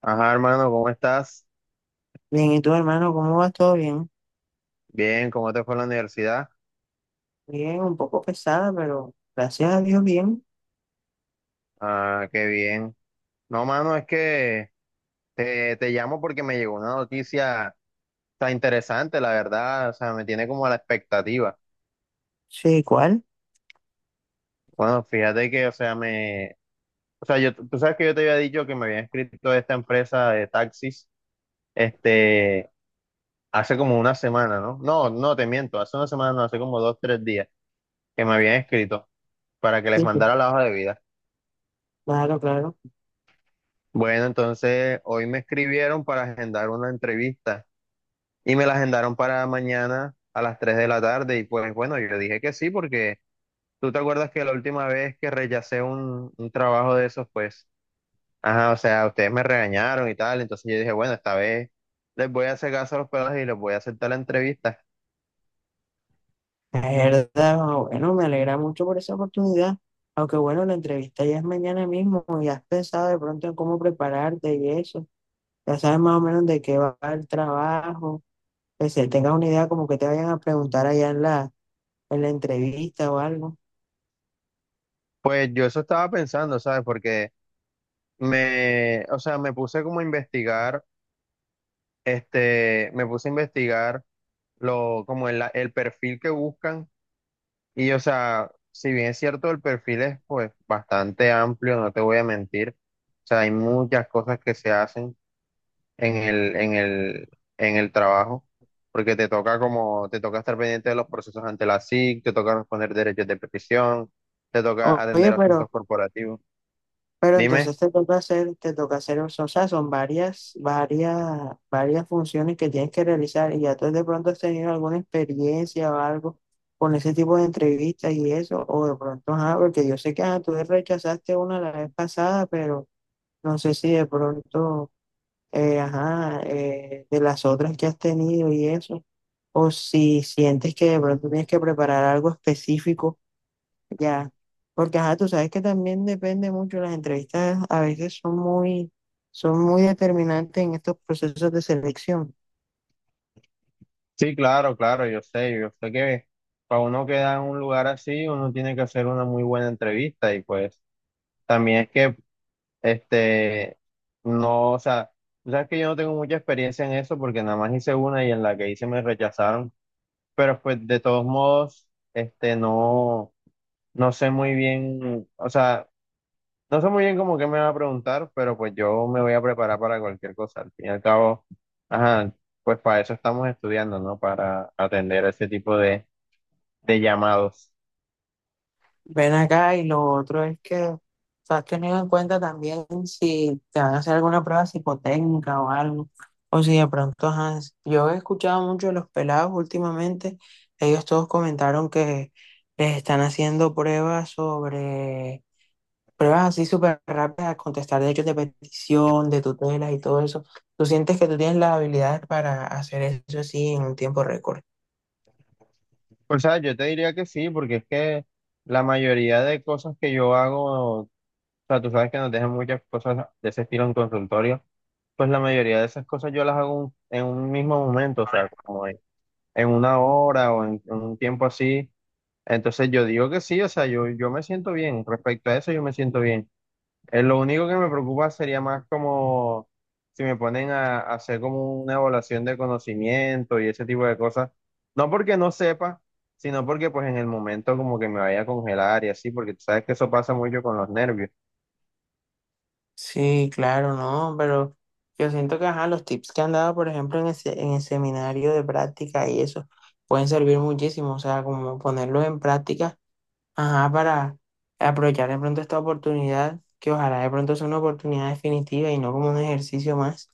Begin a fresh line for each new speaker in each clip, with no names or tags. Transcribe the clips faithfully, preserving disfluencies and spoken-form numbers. Ajá, hermano, ¿cómo estás?
Bien, ¿y tú, hermano, cómo va? ¿Todo bien?
Bien, ¿cómo te fue en la universidad?
Bien, un poco pesada, pero gracias a Dios bien.
Ah, qué bien. No, mano, es que te, te llamo porque me llegó una noticia tan interesante, la verdad, o sea, me tiene como a la expectativa.
Sí, igual.
Bueno, fíjate que, o sea, me, o sea, yo, tú sabes que yo te había dicho que me había inscrito a esta empresa de taxis, este, hace como una semana, ¿no? No, no, te miento, hace una semana, no, hace como dos, tres días que me habían escrito para que
Sí,
les
sí.
mandara la hoja de vida.
Claro, claro.
Bueno, entonces hoy me escribieron para agendar una entrevista y me la agendaron para mañana a las tres de la tarde y pues bueno, yo dije que sí porque tú te acuerdas que la última vez que rechacé un, un trabajo de esos, pues, ajá, o sea, ustedes me regañaron y tal, entonces yo dije, bueno, esta vez les voy a hacer caso a los pelos y les voy a aceptar la entrevista.
Es verdad, bueno, me alegra mucho por esa oportunidad. Aunque bueno, la entrevista ya es mañana mismo y has pensado de pronto en cómo prepararte y eso. Ya sabes más o menos de qué va el trabajo. Que se tengas una idea como que te vayan a preguntar allá en la, en la entrevista o algo.
Pues yo eso estaba pensando, ¿sabes? Porque me, o sea, me puse como a investigar, este, me puse a investigar lo, como el, el perfil que buscan. Y o sea, si bien es cierto, el perfil es pues bastante amplio, no te voy a mentir. O sea, hay muchas cosas que se hacen en el, en el, en el trabajo, porque te toca como, te toca estar pendiente de los procesos ante la S I C, te toca responder derechos de petición, te toca
O- Oye,
atender asuntos
pero...
corporativos.
Pero
Dime.
entonces te toca hacer, te toca hacer, o sea, son varias, varias, varias funciones que tienes que realizar y ya tú de pronto has tenido alguna experiencia o algo con ese tipo de entrevistas y eso, o de pronto, ajá, porque yo sé que ajá, tú rechazaste una la vez pasada, pero no sé si de pronto, eh, ajá, eh, de las otras que has tenido y eso, o si sientes que de pronto tienes que preparar algo específico ya, porque ajá, tú sabes que también depende mucho, las entrevistas a veces son muy, son muy determinantes en estos procesos de selección.
Sí, claro, claro, yo sé, yo sé que para uno quedar en un lugar así, uno tiene que hacer una muy buena entrevista y pues también es que Este, no, o sea, tú sabes que yo no tengo mucha experiencia en eso porque nada más hice una y en la que hice me rechazaron, pero pues de todos modos, este, no, no sé muy bien, o sea, no sé muy bien cómo que me va a preguntar, pero pues yo me voy a preparar para cualquier cosa. Al fin y al cabo, ajá, pues para eso estamos estudiando, ¿no? Para atender ese tipo de, de llamados.
Ven acá y lo otro es que, o sea, has tenido en cuenta también si te van a hacer alguna prueba psicotécnica o algo, o si de pronto, ajá, yo he escuchado mucho de los pelados últimamente, ellos todos comentaron que les están haciendo pruebas sobre pruebas así súper rápidas, a contestar derechos de petición, de tutelas y todo eso. ¿Tú sientes que tú tienes las habilidades para hacer eso así en un tiempo récord?
Pues, o sea, yo te diría que sí, porque es que la mayoría de cosas que yo hago. O sea, tú sabes que nos dejan muchas cosas de ese estilo en consultorio. Pues la mayoría de esas cosas yo las hago un- en un mismo momento, o sea, como en, en una hora o en, en un tiempo así. Entonces yo digo que sí, o sea, yo, yo me siento bien. Respecto a eso, yo me siento bien. Eh, lo único que me preocupa sería más como si me ponen a, a hacer como una evaluación de conocimiento y ese tipo de cosas. No porque no sepa, sino porque pues en el momento como que me vaya a congelar y así, porque tú sabes que eso pasa mucho con los nervios.
Sí, claro, no, pero yo siento que ajá, los tips que han dado, por ejemplo, en ese- en el seminario de práctica y eso, pueden servir muchísimo, o sea, como ponerlo en práctica, ajá, para aprovechar de pronto esta oportunidad, que ojalá de pronto sea una oportunidad definitiva y no como un ejercicio más.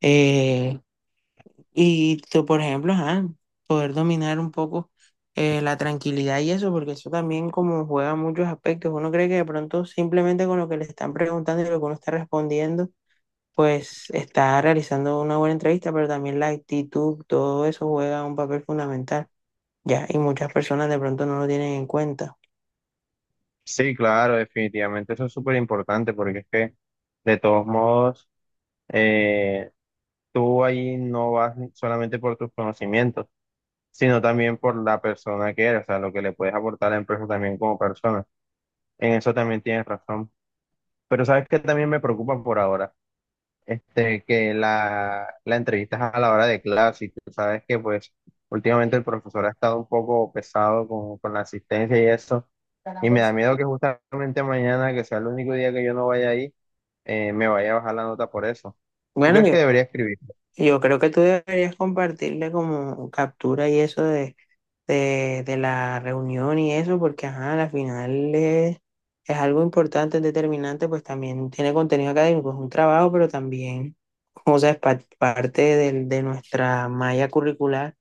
Eh, Y tú, por ejemplo, ajá, poder dominar un poco eh, la tranquilidad y eso, porque eso también como juega muchos aspectos. Uno cree que de pronto simplemente con lo que le están preguntando y lo que uno está respondiendo, pues está realizando una buena entrevista, pero también la actitud, todo eso juega un papel fundamental, ya, y muchas personas de pronto no lo tienen en cuenta.
Sí, claro, definitivamente eso es súper importante porque es que de todos modos eh, tú ahí no vas solamente por tus conocimientos, sino también por la persona que eres, o sea, lo que le puedes aportar a la empresa también como persona. En eso también tienes razón. Pero sabes que también me preocupa por ahora este, que la, la entrevistas a la hora de clase y tú sabes que pues últimamente el profesor ha estado un poco pesado con, con la asistencia y eso,
Para
y me da
vos.
miedo que justamente mañana, que sea el único día que yo no vaya ahí, eh, me vaya a bajar la nota por eso. ¿Tú
Bueno,
crees que
yo,
debería escribir?
yo creo que tú deberías compartirle como captura y eso de de, de la reunión y eso, porque ajá, al final es, es algo importante, es determinante, pues también tiene contenido académico, es un trabajo, pero también, o sea, es pa- parte del- de nuestra malla curricular.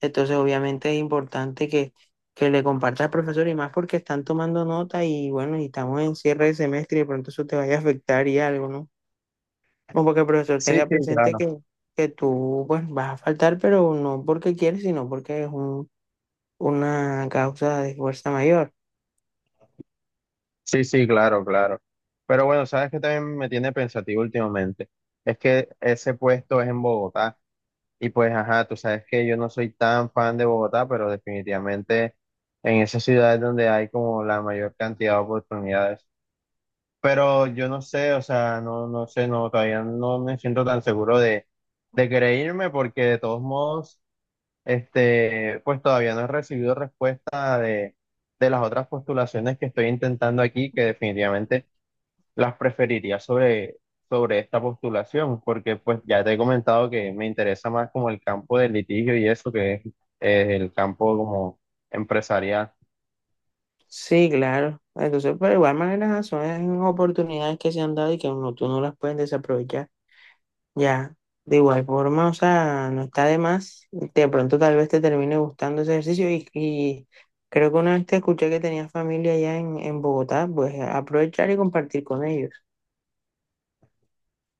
Entonces, obviamente es importante que, que le compartas al profesor y más porque están tomando nota y bueno, y estamos en cierre de semestre y de pronto eso te vaya a afectar y algo, ¿no? No porque el profesor
Sí,
tenga
sí,
presente
claro.
que, que tú pues vas a faltar, pero no porque quieres, sino porque es un una causa de fuerza mayor.
Sí, sí, claro, claro. Pero bueno, sabes que también me tiene pensativo últimamente. Es que ese puesto es en Bogotá. Y pues, ajá, tú sabes que yo no soy tan fan de Bogotá, pero definitivamente en esa ciudad es donde hay como la mayor cantidad de oportunidades. Pero yo no sé, o sea, no, no sé, no, todavía no me siento tan seguro de, de querer irme porque de todos modos. Este, pues todavía no he recibido respuesta de, de las otras postulaciones que estoy intentando aquí, que definitivamente las preferiría sobre, sobre esta postulación, porque pues ya te he comentado que me interesa más como el campo del litigio y eso que es eh, el campo como empresarial.
Sí, claro. Entonces, pero de igual manera son oportunidades que se han dado y que uno, tú no las puedes desaprovechar. Ya, de igual forma, o sea, no está de más. De pronto tal vez te termine gustando ese ejercicio y, y creo que una vez te escuché que tenías familia allá en, en Bogotá, pues aprovechar y compartir con ellos.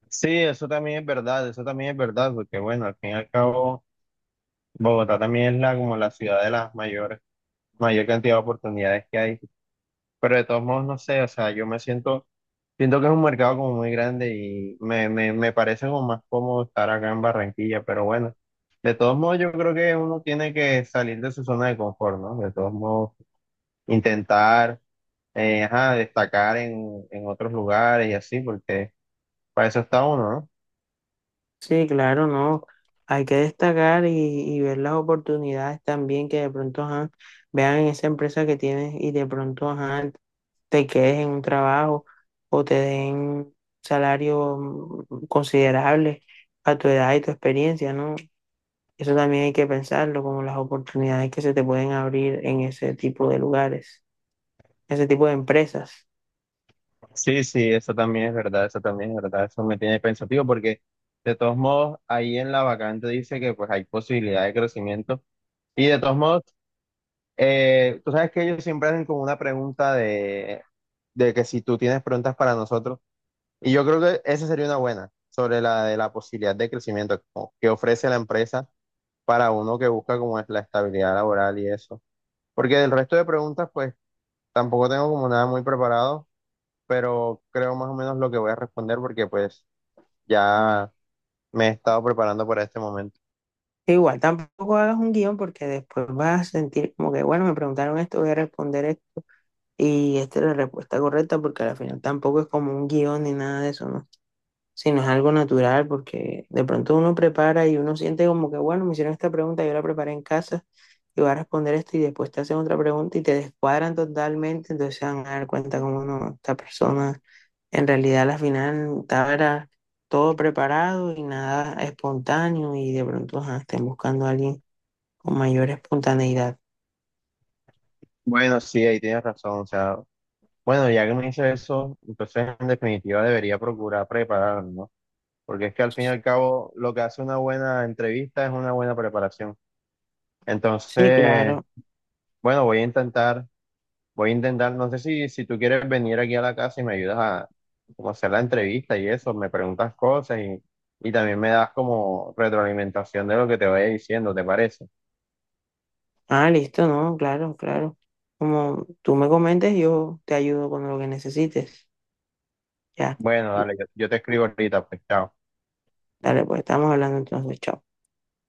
Sí, eso también es verdad, eso también es verdad, porque bueno, al fin y al cabo, Bogotá también es la, como la ciudad de las mayores, mayor cantidad de oportunidades que hay. Pero de todos modos, no sé, o sea, yo me siento. Siento que es un mercado como muy grande y me, me, me parece como más cómodo estar acá en Barranquilla, pero bueno, de todos modos yo creo que uno tiene que salir de su zona de confort, ¿no? De todos modos, intentar eh, ajá, destacar en, en otros lugares y así, porque para eso está uno, ¿no?
Sí, claro, no. Hay que destacar y, y ver las oportunidades también que de pronto ajá, vean en esa empresa que tienes y de pronto ajá, te quedes en un trabajo o te den un salario considerable a tu edad y tu experiencia, ¿no? Eso también hay que pensarlo, como las oportunidades que se te pueden abrir en ese tipo de lugares, ese tipo de empresas.
Sí, sí, eso también es verdad, eso también es verdad, eso me tiene pensativo porque de todos modos ahí en la vacante dice que pues hay posibilidad de crecimiento y de todos modos... Eh, tú sabes que ellos siempre hacen como una pregunta de de que si tú tienes preguntas para nosotros, y yo creo que esa sería una buena, sobre la de la posibilidad de crecimiento como que ofrece la empresa para uno que busca como es la estabilidad laboral y eso. Porque del resto de preguntas, pues tampoco tengo como nada muy preparado, pero creo más o menos lo que voy a responder porque pues ya me he estado preparando para este momento.
Igual, tampoco hagas un guión porque después vas a sentir como que, bueno, me preguntaron esto, voy a responder esto y esta es la respuesta correcta porque al final tampoco es como un guión ni nada de eso, ¿no? Si no es algo natural, porque de pronto uno prepara y uno siente como que, bueno, me hicieron esta pregunta, yo la preparé en casa y voy a responder esto y después te hacen otra pregunta y te descuadran totalmente, entonces se van a dar cuenta como no, esta persona en realidad a la final estaba todo preparado y nada espontáneo y de pronto ajá, estén buscando a alguien con mayor espontaneidad.
Bueno, sí, ahí tienes razón, o sea, bueno, ya que me dice eso, entonces en definitiva debería procurar prepararme, ¿no? Porque es que al fin y al cabo lo que hace una buena entrevista es una buena preparación.
Sí,
Entonces,
claro.
bueno, voy a intentar, voy a intentar, no sé si, si tú quieres venir aquí a la casa y me ayudas a como hacer la entrevista y eso, me preguntas cosas y, y también me das como retroalimentación de lo que te vaya diciendo, ¿te parece?
Ah, listo, no, claro, claro. Como tú me comentes, yo te ayudo con lo que necesites. Ya.
Bueno, dale, yo, yo te escribo ahorita, pues chao.
Dale, pues estamos hablando entonces, chao.